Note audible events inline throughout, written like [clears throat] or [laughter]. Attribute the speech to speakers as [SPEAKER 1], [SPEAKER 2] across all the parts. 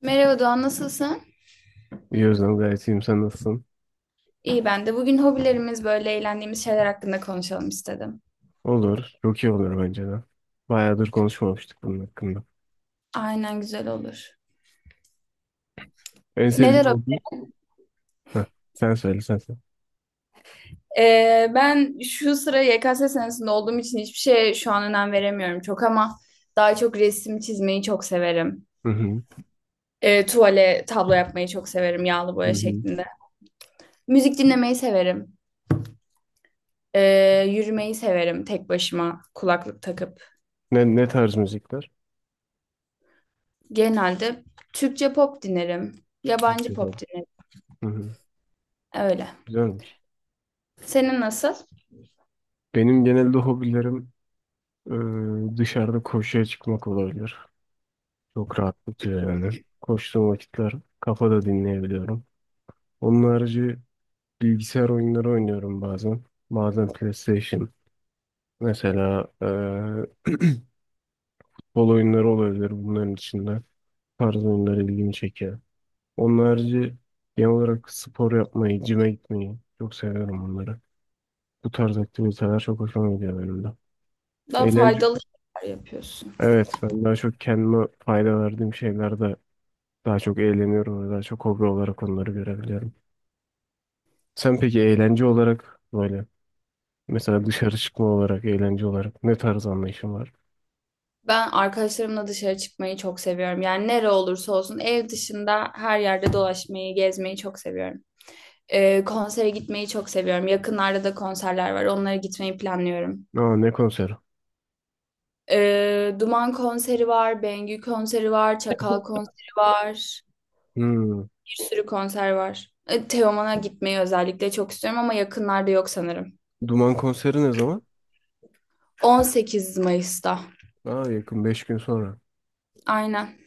[SPEAKER 1] Merhaba Doğan, nasılsın?
[SPEAKER 2] İyi Özlem, gayet iyiyim. Sen nasılsın?
[SPEAKER 1] İyi ben de. Bugün hobilerimiz böyle eğlendiğimiz şeyler hakkında konuşalım istedim.
[SPEAKER 2] Olur. Çok iyi olur bence de. Bayağıdır konuşmamıştık bunun hakkında.
[SPEAKER 1] Aynen güzel olur.
[SPEAKER 2] En evet, sevdiğin
[SPEAKER 1] Neler hobi?
[SPEAKER 2] oldu? Heh, sen söyle sen söyle.
[SPEAKER 1] Ben şu sıra YKS senesinde olduğum için hiçbir şeye şu an önem veremiyorum çok ama daha çok resim çizmeyi çok severim.
[SPEAKER 2] Hı hı.
[SPEAKER 1] Tuvale tablo yapmayı çok severim yağlı
[SPEAKER 2] Hı
[SPEAKER 1] boya
[SPEAKER 2] hı.
[SPEAKER 1] şeklinde. Müzik dinlemeyi severim. Yürümeyi severim tek başıma kulaklık takıp.
[SPEAKER 2] Ne tarz müzikler?
[SPEAKER 1] Genelde Türkçe pop dinlerim. Yabancı
[SPEAKER 2] Türkçe
[SPEAKER 1] pop
[SPEAKER 2] falan.
[SPEAKER 1] dinlerim.
[SPEAKER 2] Hı hı.
[SPEAKER 1] Öyle.
[SPEAKER 2] Güzelmiş.
[SPEAKER 1] Senin nasıl?
[SPEAKER 2] Benim genelde hobilerim dışarıda koşuya çıkmak olabilir. Çok rahatlatıyor yani. Koştuğum vakitler kafada dinleyebiliyorum. Onun harici bilgisayar oyunları oynuyorum bazen. Bazen PlayStation. Mesela e, [clears throat] futbol oyunları olabilir bunların içinde. Tarz oyunlar ilgimi çekiyor. Onun harici genel olarak spor yapmayı, cime gitmeyi çok seviyorum onları. Bu tarz aktiviteler çok hoşuma gidiyor benim de.
[SPEAKER 1] Daha
[SPEAKER 2] Eğlence,
[SPEAKER 1] faydalı şeyler yapıyorsun.
[SPEAKER 2] evet, ben daha çok kendime fayda verdiğim şeylerde daha çok eğleniyorum ve daha çok hobi olarak onları görebiliyorum. Sen peki eğlence olarak böyle mesela dışarı çıkma olarak, eğlence olarak ne tarz anlayışın var?
[SPEAKER 1] Ben arkadaşlarımla dışarı çıkmayı çok seviyorum. Yani nere olursa olsun ev dışında her yerde dolaşmayı, gezmeyi çok seviyorum. Konsere gitmeyi çok seviyorum. Yakınlarda da konserler var. Onlara gitmeyi planlıyorum.
[SPEAKER 2] Aa, ne konseri?
[SPEAKER 1] Duman konseri var, Bengü konseri var, Çakal konseri var.
[SPEAKER 2] Hmm.
[SPEAKER 1] Bir sürü konser var. Teoman'a gitmeyi özellikle çok istiyorum ama yakınlarda yok sanırım.
[SPEAKER 2] Duman konseri ne zaman?
[SPEAKER 1] 18 Mayıs'ta.
[SPEAKER 2] Aa, yakın, 5 gün sonra.
[SPEAKER 1] Aynen.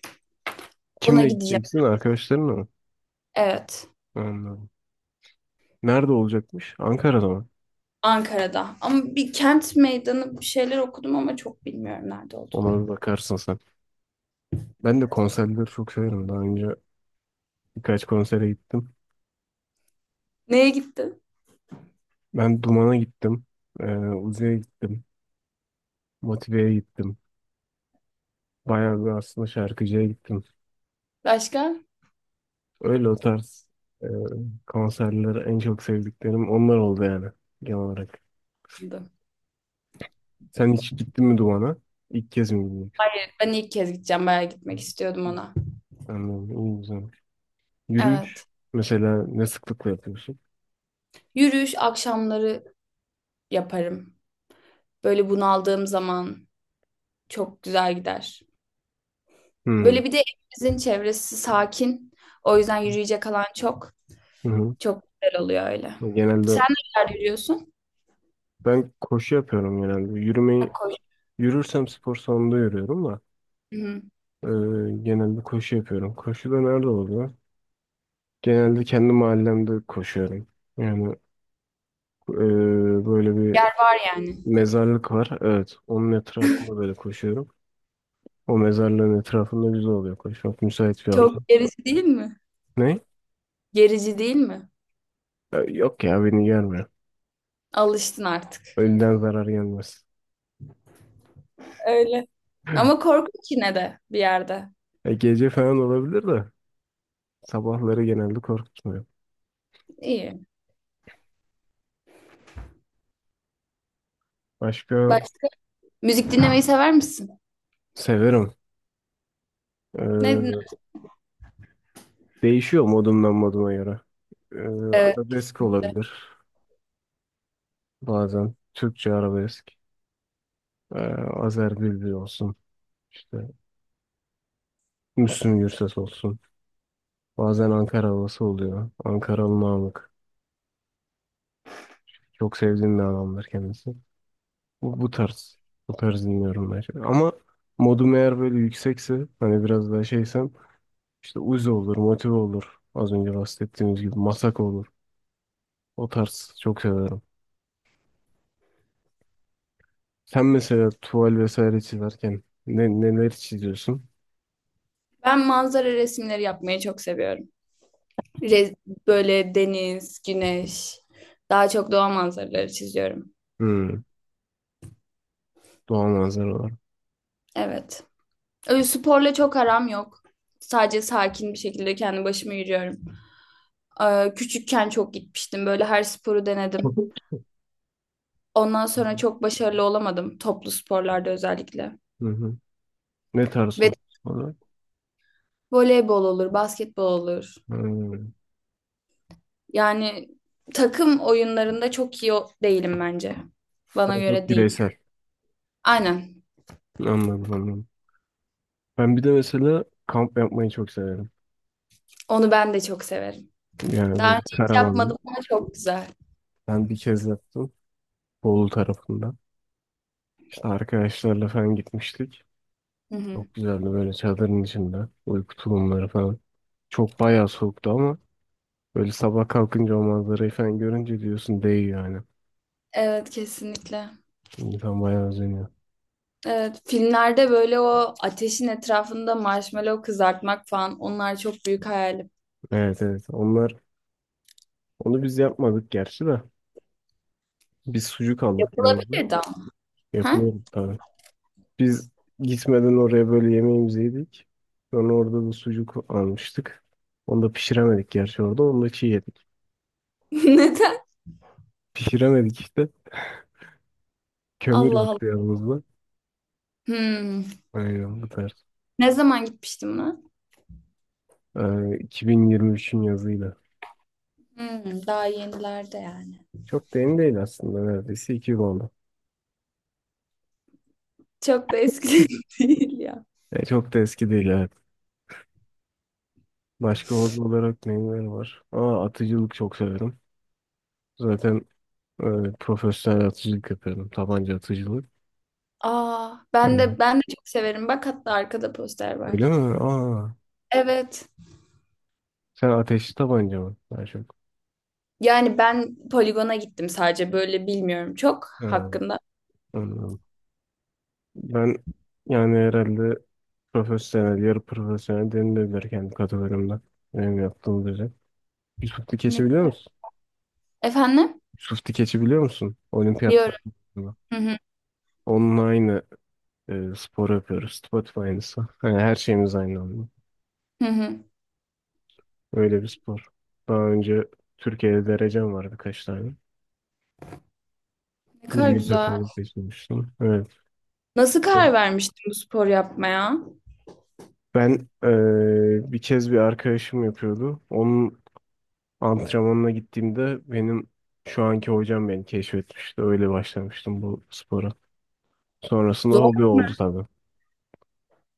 [SPEAKER 1] Ona
[SPEAKER 2] Kimle
[SPEAKER 1] gideceğim.
[SPEAKER 2] gideceksin? Arkadaşlarınla mı?
[SPEAKER 1] Evet.
[SPEAKER 2] Anladım. Nerede olacakmış? Ankara'da mı?
[SPEAKER 1] Ankara'da. Ama bir kent meydanı bir şeyler okudum ama çok bilmiyorum nerede oldu.
[SPEAKER 2] Ona bir bakarsın sen. Ben de konserleri çok severim. Daha önce birkaç konsere gittim.
[SPEAKER 1] Neye gittin?
[SPEAKER 2] Ben Duman'a gittim. Uzi'ye gittim. Motive'ye gittim. Bayağı bir aslında şarkıcıya gittim.
[SPEAKER 1] Başka?
[SPEAKER 2] Öyle o tarz e, konserleri en çok sevdiklerim onlar oldu yani genel olarak. Sen hiç gittin mi Duman'a? İlk kez mi gidiyorsun?
[SPEAKER 1] Hayır, ben ilk kez gideceğim. Bayağı gitmek istiyordum ona.
[SPEAKER 2] Anladım, İyi güzel. Yürüyüş
[SPEAKER 1] Evet.
[SPEAKER 2] mesela ne sıklıkla yapıyorsun?
[SPEAKER 1] Yürüyüş akşamları yaparım. Böyle bunaldığım zaman çok güzel gider.
[SPEAKER 2] Hmm.
[SPEAKER 1] Böyle bir de evimizin çevresi sakin. O yüzden yürüyecek alan çok.
[SPEAKER 2] Hı hı.
[SPEAKER 1] Çok güzel oluyor öyle.
[SPEAKER 2] Genelde
[SPEAKER 1] Sen nerelerde yürüyorsun?
[SPEAKER 2] ben koşu yapıyorum genelde.
[SPEAKER 1] Ha,
[SPEAKER 2] Yürümeyi,
[SPEAKER 1] koş.
[SPEAKER 2] yürürsem spor salonunda yürüyorum da
[SPEAKER 1] Hı-hı.
[SPEAKER 2] e, genelde koşu yapıyorum. Koşu da nerede oluyor? Genelde kendi mahallemde koşuyorum. Yani e, böyle bir
[SPEAKER 1] Yer var yani.
[SPEAKER 2] mezarlık var. Evet, onun etrafında böyle koşuyorum. O mezarlığın etrafında güzel oluyor koşmak. Müsait bir ortam.
[SPEAKER 1] Çok gerici değil mi?
[SPEAKER 2] Ne?
[SPEAKER 1] Gerici değil mi?
[SPEAKER 2] Yok ya, beni gelmiyor.
[SPEAKER 1] Alıştın artık.
[SPEAKER 2] Ölüden zarar gelmez.
[SPEAKER 1] Öyle. Ama
[SPEAKER 2] [laughs]
[SPEAKER 1] korkunç yine de bir yerde.
[SPEAKER 2] Gece falan olabilir de sabahları genelde korkutmuyor.
[SPEAKER 1] İyi.
[SPEAKER 2] Başka
[SPEAKER 1] Başka? Müzik dinlemeyi sever misin?
[SPEAKER 2] severim.
[SPEAKER 1] Ne dinler?
[SPEAKER 2] Değişiyor modumdan moduma göre.
[SPEAKER 1] Evet.
[SPEAKER 2] Arabesk olabilir bazen. Türkçe arabesk. Ee, Azer Bülbül olsun. İşte Müslüm Gürses olsun. Bazen Ankara havası oluyor. Ankaralı Namık. Çok sevdiğim bir adamdır kendisi. Bu tarz. Bu tarz dinliyorum ben şimdi. Ama modum eğer böyle yüksekse, hani biraz daha şeysem, işte Uzi olur, Motive olur. Az önce bahsettiğimiz gibi Masako olur. O tarz çok severim. Sen mesela tuval vesaire çizerken neler çiziyorsun?
[SPEAKER 1] Ben manzara resimleri yapmayı çok seviyorum. Re- böyle deniz, güneş, daha çok doğa manzaraları çiziyorum.
[SPEAKER 2] Hmm, doğa manzara olarak.
[SPEAKER 1] Evet. Öyle sporla çok aram yok. Sadece sakin bir şekilde kendi başıma yürüyorum. Küçükken çok gitmiştim. Böyle her sporu denedim.
[SPEAKER 2] [laughs]
[SPEAKER 1] Ondan sonra çok başarılı olamadım. Toplu sporlarda özellikle.
[SPEAKER 2] Hı hı. Ne tarz
[SPEAKER 1] Ve
[SPEAKER 2] top olarak?
[SPEAKER 1] voleybol olur, basketbol olur.
[SPEAKER 2] Hmm.
[SPEAKER 1] Yani takım oyunlarında çok iyi değilim bence. Bana
[SPEAKER 2] Daha çok
[SPEAKER 1] göre değil.
[SPEAKER 2] bireysel.
[SPEAKER 1] Aynen.
[SPEAKER 2] Anladım, anladım. Ben bir de mesela kamp yapmayı çok severim.
[SPEAKER 1] Onu ben de çok severim.
[SPEAKER 2] Yani
[SPEAKER 1] Daha
[SPEAKER 2] böyle
[SPEAKER 1] önce hiç
[SPEAKER 2] karavanlı.
[SPEAKER 1] yapmadım ama çok güzel.
[SPEAKER 2] Ben bir kez yaptım. Bolu tarafında. İşte arkadaşlarla falan gitmiştik.
[SPEAKER 1] Hı hı.
[SPEAKER 2] Çok güzeldi, böyle çadırın içinde. Uyku tulumları falan. Çok bayağı soğuktu ama böyle sabah kalkınca o manzarayı falan görünce diyorsun, değiyor yani.
[SPEAKER 1] Evet, kesinlikle.
[SPEAKER 2] İnsan bayağı özeniyor.
[SPEAKER 1] Evet, filmlerde böyle o ateşin etrafında marshmallow kızartmak falan onlar çok büyük hayalim.
[SPEAKER 2] Evet, evet. Onlar, onu biz yapmadık gerçi de. Biz sucuk aldık yanımıza.
[SPEAKER 1] Yapılabilirdi ama. Ha?
[SPEAKER 2] Yapılıyor tabii. Biz gitmeden oraya böyle yemeğimizi yedik. Sonra orada da sucuk almıştık. Onu da pişiremedik gerçi orada. Onu da çiğ yedik.
[SPEAKER 1] [laughs] Neden?
[SPEAKER 2] Pişiremedik işte. Kömür
[SPEAKER 1] Allah Allah.
[SPEAKER 2] yoktu yanımızda.
[SPEAKER 1] Hmm.
[SPEAKER 2] Aynen bu tarz.
[SPEAKER 1] Ne zaman gitmiştim lan?
[SPEAKER 2] Ee, 2023'ün yazıyla.
[SPEAKER 1] Hmm, daha yenilerde yani.
[SPEAKER 2] Çok da yeni değil aslında, neredeyse 2 yıl oldu.
[SPEAKER 1] Çok da eski [laughs] değil ya.
[SPEAKER 2] E, çok da eski değil, evet. Başka hobi olarak neler var? Aa, atıcılık çok severim. Zaten öyle profesyonel atıcılık yapıyorum. Tabanca atıcılık.
[SPEAKER 1] Aa, ben
[SPEAKER 2] Öyle.
[SPEAKER 1] de ben de çok severim. Bak hatta arkada poster
[SPEAKER 2] Öyle
[SPEAKER 1] var.
[SPEAKER 2] mi? Aa,
[SPEAKER 1] Evet.
[SPEAKER 2] sen ateşli tabanca mı? Daha çok.
[SPEAKER 1] Yani ben poligona gittim sadece böyle bilmiyorum çok
[SPEAKER 2] Ha,
[SPEAKER 1] hakkında.
[SPEAKER 2] anladım. Ben yani herhalde profesyonel, yarı profesyonel denilebilir kendi kategorimde. Benim yaptığım düzey. Yusuf
[SPEAKER 1] Ne
[SPEAKER 2] Dikeç'i biliyor
[SPEAKER 1] kadar?
[SPEAKER 2] musun?
[SPEAKER 1] Efendim?
[SPEAKER 2] Yusuf Dikeç'i biliyor musun? Olimpiyatlar.
[SPEAKER 1] Diyorum. Hı hı.
[SPEAKER 2] Onunla aynı spor yapıyoruz. Tıpatıp aynısı. Yani her şeyimiz aynı anda.
[SPEAKER 1] Hı hı.
[SPEAKER 2] Öyle bir spor. Daha önce Türkiye'de derecem var, birkaç tane.
[SPEAKER 1] Ne kadar
[SPEAKER 2] Milli
[SPEAKER 1] güzel.
[SPEAKER 2] takımı seçilmiştim. Evet.
[SPEAKER 1] Nasıl karar vermiştin bu spor yapmaya?
[SPEAKER 2] Ben bir kez bir arkadaşım yapıyordu. Onun antrenmanına gittiğimde benim şu anki hocam beni keşfetmişti. Öyle başlamıştım bu spora. Sonrasında
[SPEAKER 1] Zor
[SPEAKER 2] hobi
[SPEAKER 1] mu?
[SPEAKER 2] oldu tabii.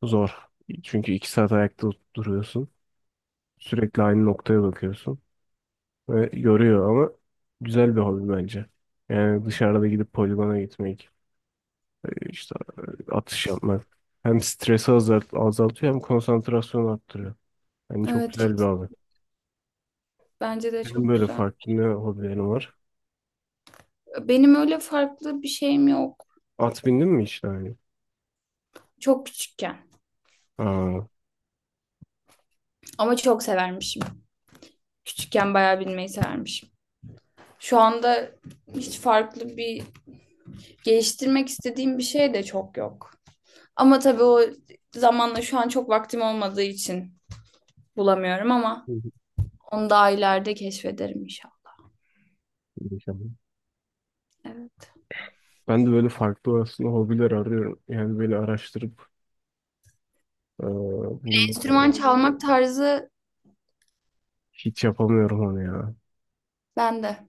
[SPEAKER 2] Zor. Çünkü 2 saat ayakta duruyorsun. Sürekli aynı noktaya bakıyorsun. Ve yoruyor, ama güzel bir hobi bence. Yani dışarıda gidip poligona gitmek, işte atış yapmak. Hem stresi azaltıyor hem konsantrasyonu arttırıyor. Yani çok
[SPEAKER 1] Evet,
[SPEAKER 2] güzel bir
[SPEAKER 1] kesin,
[SPEAKER 2] abi.
[SPEAKER 1] bence de
[SPEAKER 2] Benim
[SPEAKER 1] çok
[SPEAKER 2] böyle
[SPEAKER 1] güzel.
[SPEAKER 2] farklı ne hobilerim var?
[SPEAKER 1] Benim öyle farklı bir şeyim yok.
[SPEAKER 2] At bindin mi hiç daha önce?
[SPEAKER 1] Çok küçükken.
[SPEAKER 2] Aa, hı
[SPEAKER 1] Ama çok severmişim. Küçükken bayağı bilmeyi severmişim. Şu anda hiç farklı bir geliştirmek istediğim bir şey de çok yok. Ama tabii o zamanla şu an çok vaktim olmadığı için bulamıyorum ama
[SPEAKER 2] hı.
[SPEAKER 1] onu daha ileride keşfederim inşallah.
[SPEAKER 2] Mükemmel.
[SPEAKER 1] Evet.
[SPEAKER 2] Ben de böyle farklı aslında hobiler arıyorum. Yani böyle araştırıp eee, bulmak
[SPEAKER 1] Enstrüman
[SPEAKER 2] lazım.
[SPEAKER 1] çalmak tarzı
[SPEAKER 2] Hiç yapamıyorum onu ya.
[SPEAKER 1] bende.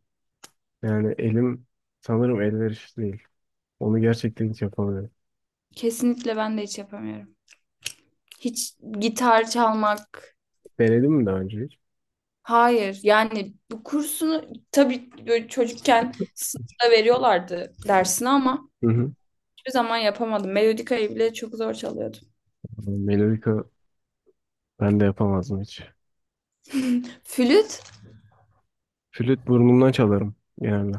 [SPEAKER 2] Yani elim sanırım elverişli değil. Onu gerçekten hiç yapamıyorum.
[SPEAKER 1] Kesinlikle ben de hiç yapamıyorum. Hiç gitar çalmak.
[SPEAKER 2] Denedin mi daha önce hiç?
[SPEAKER 1] Hayır. Yani bu kursunu tabii böyle çocukken sınıfta veriyorlardı dersini ama
[SPEAKER 2] Hı hı.
[SPEAKER 1] hiçbir zaman yapamadım. Melodikayı bile çok zor çalıyordum.
[SPEAKER 2] Melodika ben de yapamazdım hiç.
[SPEAKER 1] Flüt
[SPEAKER 2] Flüt burnumdan çalarım yani.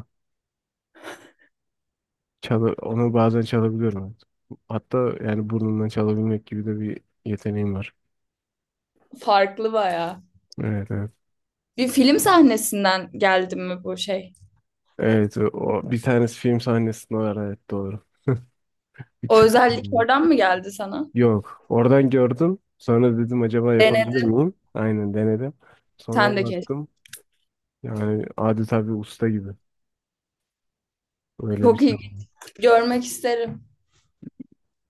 [SPEAKER 2] Onu bazen çalabiliyorum. Hatta yani burnumdan çalabilmek gibi de bir yeteneğim var.
[SPEAKER 1] farklı bayağı.
[SPEAKER 2] Evet, evet.
[SPEAKER 1] Bir film sahnesinden geldi mi bu şey?
[SPEAKER 2] Evet, o bir tanesi film sahnesinde var, evet, doğru. Bir
[SPEAKER 1] O
[SPEAKER 2] Türk
[SPEAKER 1] özellik
[SPEAKER 2] filmi.
[SPEAKER 1] oradan mı geldi sana?
[SPEAKER 2] Yok. Oradan gördüm. Sonra dedim acaba yapabilir
[SPEAKER 1] Denedim
[SPEAKER 2] miyim? Aynen, denedim. Sonra
[SPEAKER 1] de keşke.
[SPEAKER 2] baktım. Yani adeta bir usta gibi. Öyle bir
[SPEAKER 1] Çok
[SPEAKER 2] şey.
[SPEAKER 1] iyi. Görmek isterim.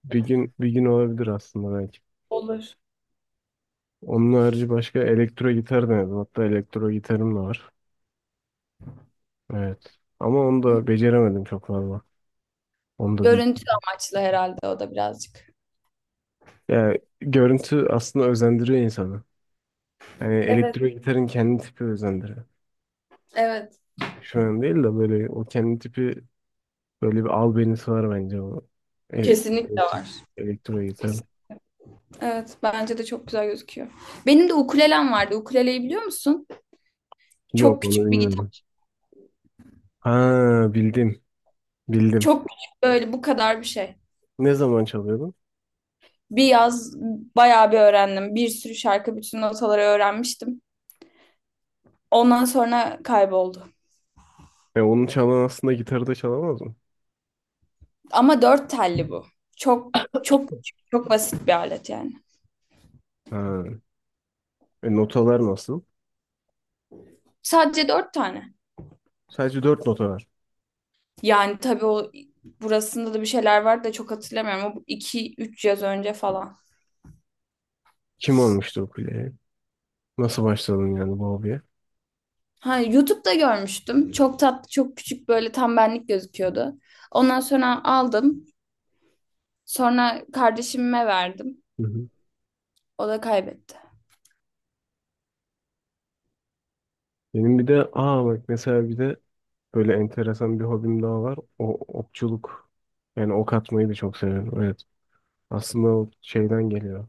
[SPEAKER 2] Bir gün, bir gün olabilir aslında, belki.
[SPEAKER 1] Olur.
[SPEAKER 2] Onun harici başka elektro gitar denedim. Hatta elektro gitarım da var. Evet. Ama onu da beceremedim çok fazla. Onu da bir,
[SPEAKER 1] Görüntü amaçlı herhalde o da birazcık.
[SPEAKER 2] yani görüntü aslında özendiriyor insanı. Yani
[SPEAKER 1] Evet.
[SPEAKER 2] elektro gitarın kendi tipi özendiriyor.
[SPEAKER 1] Evet.
[SPEAKER 2] Şu an değil de böyle o kendi tipi, böyle bir albenisi var bence o. E,
[SPEAKER 1] Kesinlikle
[SPEAKER 2] elektro,
[SPEAKER 1] var.
[SPEAKER 2] elektro gitar.
[SPEAKER 1] Evet, bence de çok güzel gözüküyor. Benim de ukulelem vardı. Ukuleleyi biliyor musun? Çok
[SPEAKER 2] Yok, onu
[SPEAKER 1] küçük bir
[SPEAKER 2] bilmiyorum.
[SPEAKER 1] gitar.
[SPEAKER 2] Ha, bildim. Bildim.
[SPEAKER 1] Çok küçük böyle bu kadar bir şey.
[SPEAKER 2] Ne zaman çalıyordun?
[SPEAKER 1] Bir yaz bayağı bir öğrendim. Bir sürü şarkı, bütün notaları öğrenmiştim. Ondan sonra kayboldu.
[SPEAKER 2] E, onu çalan aslında gitarı da çalamaz mı?
[SPEAKER 1] Ama dört telli bu. Çok çok küçük, çok basit bir alet yani.
[SPEAKER 2] Ha. E, notalar nasıl?
[SPEAKER 1] Sadece dört tane.
[SPEAKER 2] Sadece dört nota var.
[SPEAKER 1] Yani tabii o burasında da bir şeyler var da çok hatırlamıyorum. O iki üç yaz önce falan.
[SPEAKER 2] Kim olmuştu ukulele? Nasıl başladın yani bu hobiye?
[SPEAKER 1] Ha, YouTube'da görmüştüm. Çok tatlı, çok küçük böyle tam benlik gözüküyordu. Ondan sonra aldım. Sonra kardeşime verdim.
[SPEAKER 2] Hı hı.
[SPEAKER 1] O da kaybetti.
[SPEAKER 2] Benim bir de, aa bak, mesela bir de böyle enteresan bir hobim daha var. O okçuluk. Yani ok atmayı da çok seviyorum. Evet. Aslında o şeyden geliyor.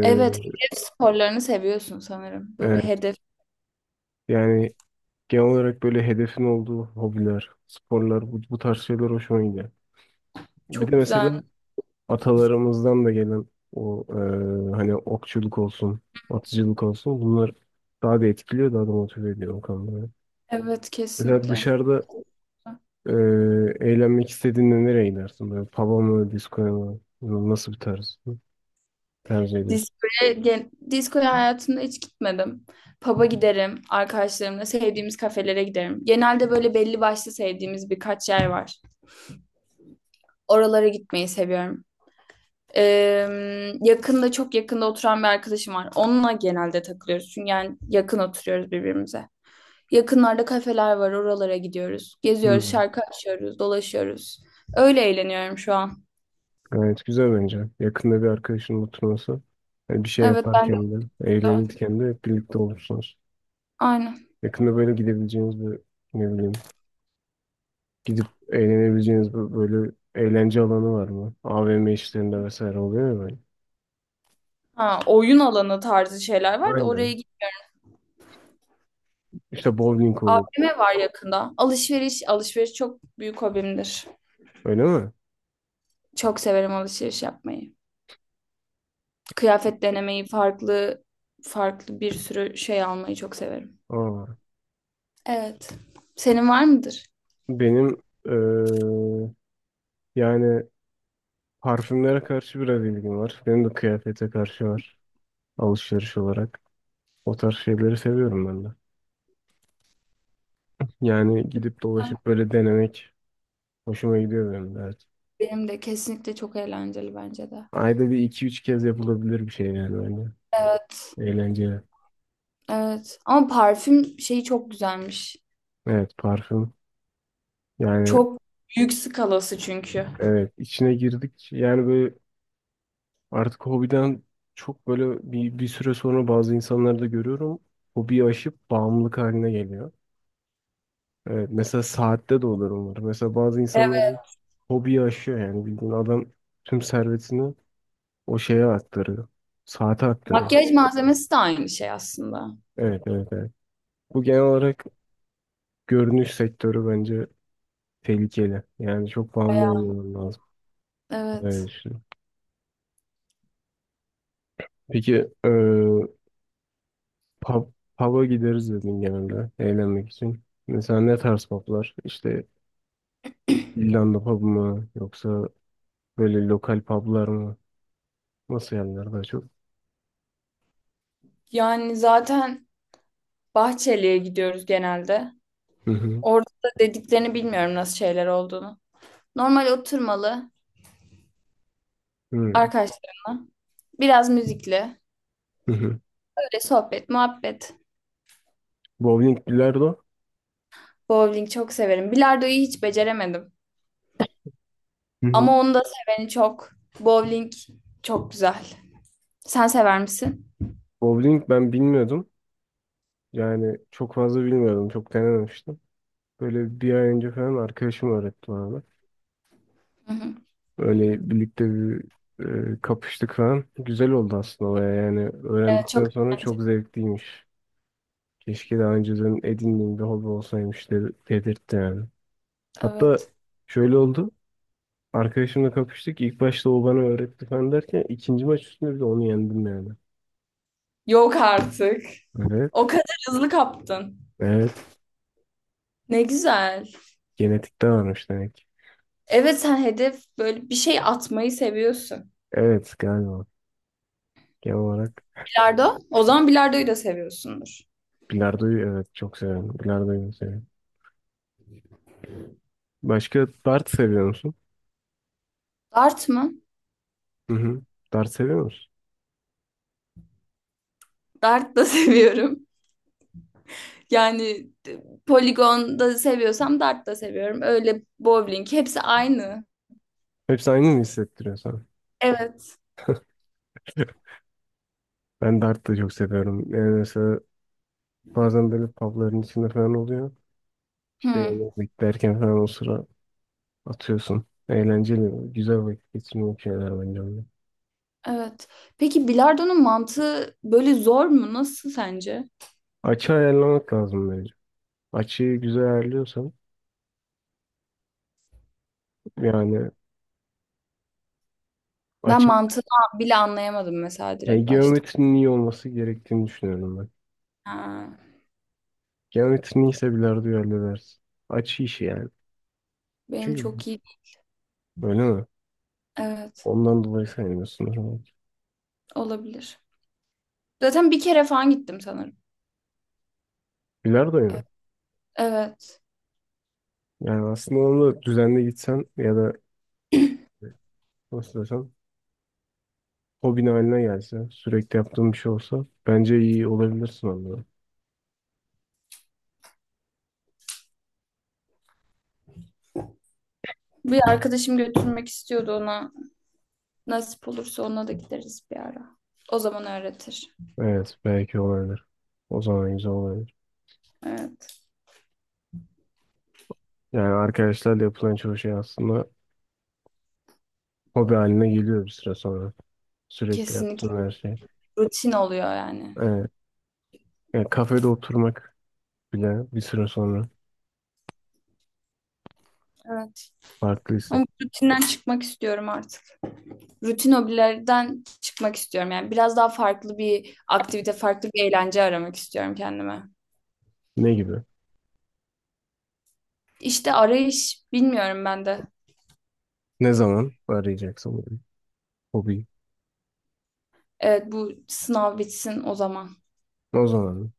[SPEAKER 1] Evet, hedef sporlarını seviyorsun sanırım. Böyle bir
[SPEAKER 2] evet.
[SPEAKER 1] hedef.
[SPEAKER 2] Yani genel olarak böyle hedefin olduğu hobiler, sporlar, bu tarz şeyler hoşuma gidiyor. Bir de
[SPEAKER 1] Çok
[SPEAKER 2] mesela
[SPEAKER 1] güzel.
[SPEAKER 2] atalarımızdan da gelen o hani okçuluk olsun, atıcılık olsun, bunlar daha da etkiliyor, daha da motive ediyor o konuda.
[SPEAKER 1] Evet,
[SPEAKER 2] Mesela
[SPEAKER 1] kesinlikle.
[SPEAKER 2] dışarıda e, eğlenmek istediğinde nereye gidersin? Böyle pub'a mı, diskoya mı? Nasıl bir tarz tercih edersin?
[SPEAKER 1] Diskoya, diskoya hayatımda hiç gitmedim. Pub'a giderim arkadaşlarımla, sevdiğimiz kafelere giderim. Genelde böyle belli başlı sevdiğimiz birkaç yer var. Oralara gitmeyi seviyorum. Yakında çok yakında oturan bir arkadaşım var. Onunla genelde takılıyoruz. Çünkü yani yakın oturuyoruz birbirimize. Yakınlarda kafeler var, oralara gidiyoruz. Geziyoruz,
[SPEAKER 2] Hmm.
[SPEAKER 1] şarkı açıyoruz, dolaşıyoruz. Öyle eğleniyorum şu an.
[SPEAKER 2] Gayet güzel bence. Yakında bir arkadaşının oturması. Hani bir şey
[SPEAKER 1] Evet ben de
[SPEAKER 2] yaparken de eğlenirken de hep birlikte olursunuz.
[SPEAKER 1] aynen.
[SPEAKER 2] Yakında böyle gidebileceğiniz bir, ne bileyim, gidip eğlenebileceğiniz bir, böyle eğlence alanı var mı? AVM işlerinde vesaire oluyor ya böyle.
[SPEAKER 1] Ha, oyun alanı tarzı şeyler var da
[SPEAKER 2] Aynen.
[SPEAKER 1] oraya
[SPEAKER 2] İşte bowling olur.
[SPEAKER 1] AVM var yakında. Alışveriş çok büyük hobimdir.
[SPEAKER 2] Öyle mi?
[SPEAKER 1] Çok severim alışveriş yapmayı. Kıyafet denemeyi, farklı farklı bir sürü şey almayı çok severim.
[SPEAKER 2] Aa,
[SPEAKER 1] Evet. Senin var mıdır?
[SPEAKER 2] benim yani parfümlere karşı biraz ilgim var. Benim de kıyafete karşı var. Alışveriş olarak. O tarz şeyleri seviyorum ben de. Yani gidip dolaşıp böyle denemek hoşuma gidiyor benim de, evet.
[SPEAKER 1] Benim de kesinlikle çok eğlenceli bence de.
[SPEAKER 2] Ayda bir, iki, üç kez yapılabilir bir şey yani bence.
[SPEAKER 1] Evet.
[SPEAKER 2] Eğlenceli.
[SPEAKER 1] Evet. Ama parfüm şeyi çok güzelmiş.
[SPEAKER 2] Evet, parfüm. Yani
[SPEAKER 1] Çok büyük skalası çünkü.
[SPEAKER 2] evet, içine girdik. Yani böyle artık hobiden çok, böyle bir, bir süre sonra, bazı insanları da görüyorum. Hobiyi aşıp bağımlılık haline geliyor. Evet, mesela saatte de olur umarım. Mesela bazı
[SPEAKER 1] Evet.
[SPEAKER 2] insanların hobiyi aşıyor yani, bildiğin adam tüm servetini o şeye aktarıyor. Saate aktarıyor.
[SPEAKER 1] Makyaj malzemesi de aynı şey aslında.
[SPEAKER 2] Evet, evet, evet. Bu genel olarak görünüş sektörü bence tehlikeli. Yani çok bağımlı olmaman lazım. Öyle
[SPEAKER 1] Evet.
[SPEAKER 2] düşünüyorum. Peki eee pub, pub'a gideriz dedin genelde eğlenmek için. Mesela ne tarz pub'lar? İşte İrlanda pub mı? Yoksa böyle lokal pub'lar mı? Nasıl yerler daha çok?
[SPEAKER 1] Yani zaten Bahçeli'ye gidiyoruz genelde.
[SPEAKER 2] Hı hı.
[SPEAKER 1] Orada da dediklerini bilmiyorum nasıl şeyler olduğunu. Normal oturmalı
[SPEAKER 2] Hı
[SPEAKER 1] arkadaşlarımla. Biraz müzikli.
[SPEAKER 2] hı.
[SPEAKER 1] Böyle sohbet, muhabbet.
[SPEAKER 2] Bowling, bilardo.
[SPEAKER 1] Bowling çok severim. Bilardoyu hiç beceremedim.
[SPEAKER 2] Hı hı.
[SPEAKER 1] Ama onu da seveni çok. Bowling çok güzel. Sen sever misin?
[SPEAKER 2] Bowling ben bilmiyordum. Yani çok fazla bilmiyordum. Çok denememiştim. Böyle bir ay önce falan arkadaşım öğretti bana.
[SPEAKER 1] Hı hı.
[SPEAKER 2] Böyle birlikte bir, kapıştık falan. Güzel oldu aslında baya yani.
[SPEAKER 1] Evet, çok
[SPEAKER 2] Öğrendikten sonra
[SPEAKER 1] eğlenceli.
[SPEAKER 2] çok zevkliymiş. Keşke daha önceden edindiğim bir hobi olsaymış de- dedirtti yani. Hatta
[SPEAKER 1] Evet.
[SPEAKER 2] şöyle oldu. Arkadaşımla kapıştık. İlk başta o bana öğretti falan derken ikinci maç üstünde bir de onu yendim yani.
[SPEAKER 1] Yok artık. O
[SPEAKER 2] Evet.
[SPEAKER 1] kadar hızlı kaptın.
[SPEAKER 2] Evet.
[SPEAKER 1] Ne güzel.
[SPEAKER 2] Genetikte varmış demek ki.
[SPEAKER 1] Evet, sen hedef böyle bir şey atmayı seviyorsun.
[SPEAKER 2] Evet, galiba. Genel olarak
[SPEAKER 1] Bilardo? O zaman bilardoyu da seviyorsundur.
[SPEAKER 2] bilardoyu evet çok seviyorum. Bilardoyu seviyorum. Başka, dart seviyor musun?
[SPEAKER 1] Dart mı?
[SPEAKER 2] Hı hı. Dart seviyor musun?
[SPEAKER 1] Dart da [laughs] seviyorum. Yani poligon da seviyorsam dart da seviyorum. Öyle bowling hepsi aynı.
[SPEAKER 2] Hepsi aynı mı hissettiriyor sana?
[SPEAKER 1] Evet.
[SPEAKER 2] [laughs] Ben dart da çok seviyorum. Yani mesela bazen böyle pubların içinde falan oluyor. İşte
[SPEAKER 1] Hı,
[SPEAKER 2] yemek beklerken falan o sıra atıyorsun. Eğlenceli, güzel vakit geçirmek şeyler bence onlar.
[SPEAKER 1] evet. Peki bilardonun mantığı böyle zor mu? Nasıl sence?
[SPEAKER 2] Açı ayarlamak lazım bence. Açıyı güzel ayarlıyorsan yani,
[SPEAKER 1] Ben
[SPEAKER 2] açı,
[SPEAKER 1] mantığını bile anlayamadım mesela
[SPEAKER 2] yani
[SPEAKER 1] direkt başta.
[SPEAKER 2] geometrinin iyi olması gerektiğini düşünüyorum ben.
[SPEAKER 1] Ha,
[SPEAKER 2] Geometrinin iyiyse bilardoyu halledersin. Açı işi yani.
[SPEAKER 1] benim
[SPEAKER 2] Çünkü,
[SPEAKER 1] çok iyi.
[SPEAKER 2] öyle mi?
[SPEAKER 1] Evet,
[SPEAKER 2] Ondan dolayı sevmiyorsun.
[SPEAKER 1] olabilir. Zaten bir kere falan gittim sanırım.
[SPEAKER 2] Bilardoyu mu?
[SPEAKER 1] Evet.
[SPEAKER 2] Yani aslında onu düzenli gitsen ya da, nasıl desem, hobin haline gelse, sürekli yaptığın bir şey olsa bence iyi olabilirsin onda.
[SPEAKER 1] Bir arkadaşım götürmek istiyordu ona. Nasip olursa ona da gideriz bir ara. O zaman öğretir.
[SPEAKER 2] Evet, belki olabilir. O zaman güzel olabilir.
[SPEAKER 1] Evet.
[SPEAKER 2] Yani arkadaşlarla yapılan çoğu şey aslında hobi haline geliyor bir süre sonra. Sürekli
[SPEAKER 1] Kesinlikle.
[SPEAKER 2] yaptığın her şey.
[SPEAKER 1] Rutin oluyor yani.
[SPEAKER 2] Evet. Yani kafede oturmak bile bir süre sonra
[SPEAKER 1] Evet.
[SPEAKER 2] farklı hisset.
[SPEAKER 1] Ama bu rutinden çıkmak istiyorum artık. Rutin hobilerden çıkmak istiyorum. Yani biraz daha farklı bir aktivite, farklı bir eğlence aramak istiyorum kendime.
[SPEAKER 2] Ne gibi?
[SPEAKER 1] İşte arayış bilmiyorum ben de.
[SPEAKER 2] Ne zaman arayacaksın bunu? Hobi?
[SPEAKER 1] Evet, bu sınav bitsin o zaman.
[SPEAKER 2] O zaman.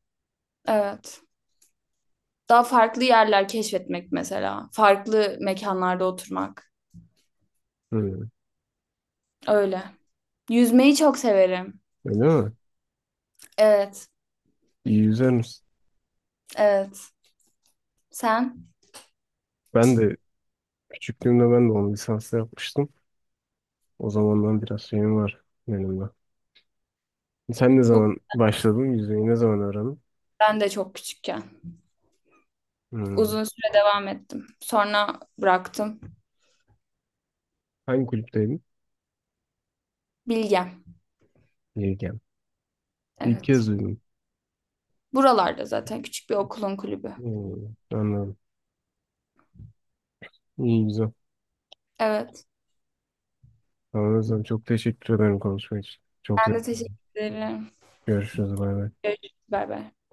[SPEAKER 1] Evet. Daha farklı yerler keşfetmek mesela. Farklı mekanlarda oturmak.
[SPEAKER 2] Hı.
[SPEAKER 1] Öyle. Yüzmeyi çok severim.
[SPEAKER 2] Öyle mi?
[SPEAKER 1] Evet.
[SPEAKER 2] İyi yüzer misin?
[SPEAKER 1] Evet. Sen?
[SPEAKER 2] Ben de küçüklüğümde ben de onu lisansla yapmıştım. O zamandan biraz şeyim var benimle. Sen ne
[SPEAKER 1] Çok,
[SPEAKER 2] zaman başladın? Yüzmeyi ne zaman öğrendin?
[SPEAKER 1] ben de çok küçükken.
[SPEAKER 2] Hmm.
[SPEAKER 1] Uzun süre devam ettim. Sonra bıraktım.
[SPEAKER 2] Hangi kulüpteydin?
[SPEAKER 1] Bilgem.
[SPEAKER 2] Yelken. İlk kez
[SPEAKER 1] Evet.
[SPEAKER 2] duydum.
[SPEAKER 1] Buralarda zaten küçük bir okulun kulübü.
[SPEAKER 2] Hmm. Anladım. İyi, güzel.
[SPEAKER 1] Evet.
[SPEAKER 2] Tamam, o zaman çok teşekkür ederim konuşma için. Çok
[SPEAKER 1] Ben de
[SPEAKER 2] zevkli.
[SPEAKER 1] teşekkür ederim.
[SPEAKER 2] Görüşürüz. Bay bay.
[SPEAKER 1] Görüşürüz. Bay bay.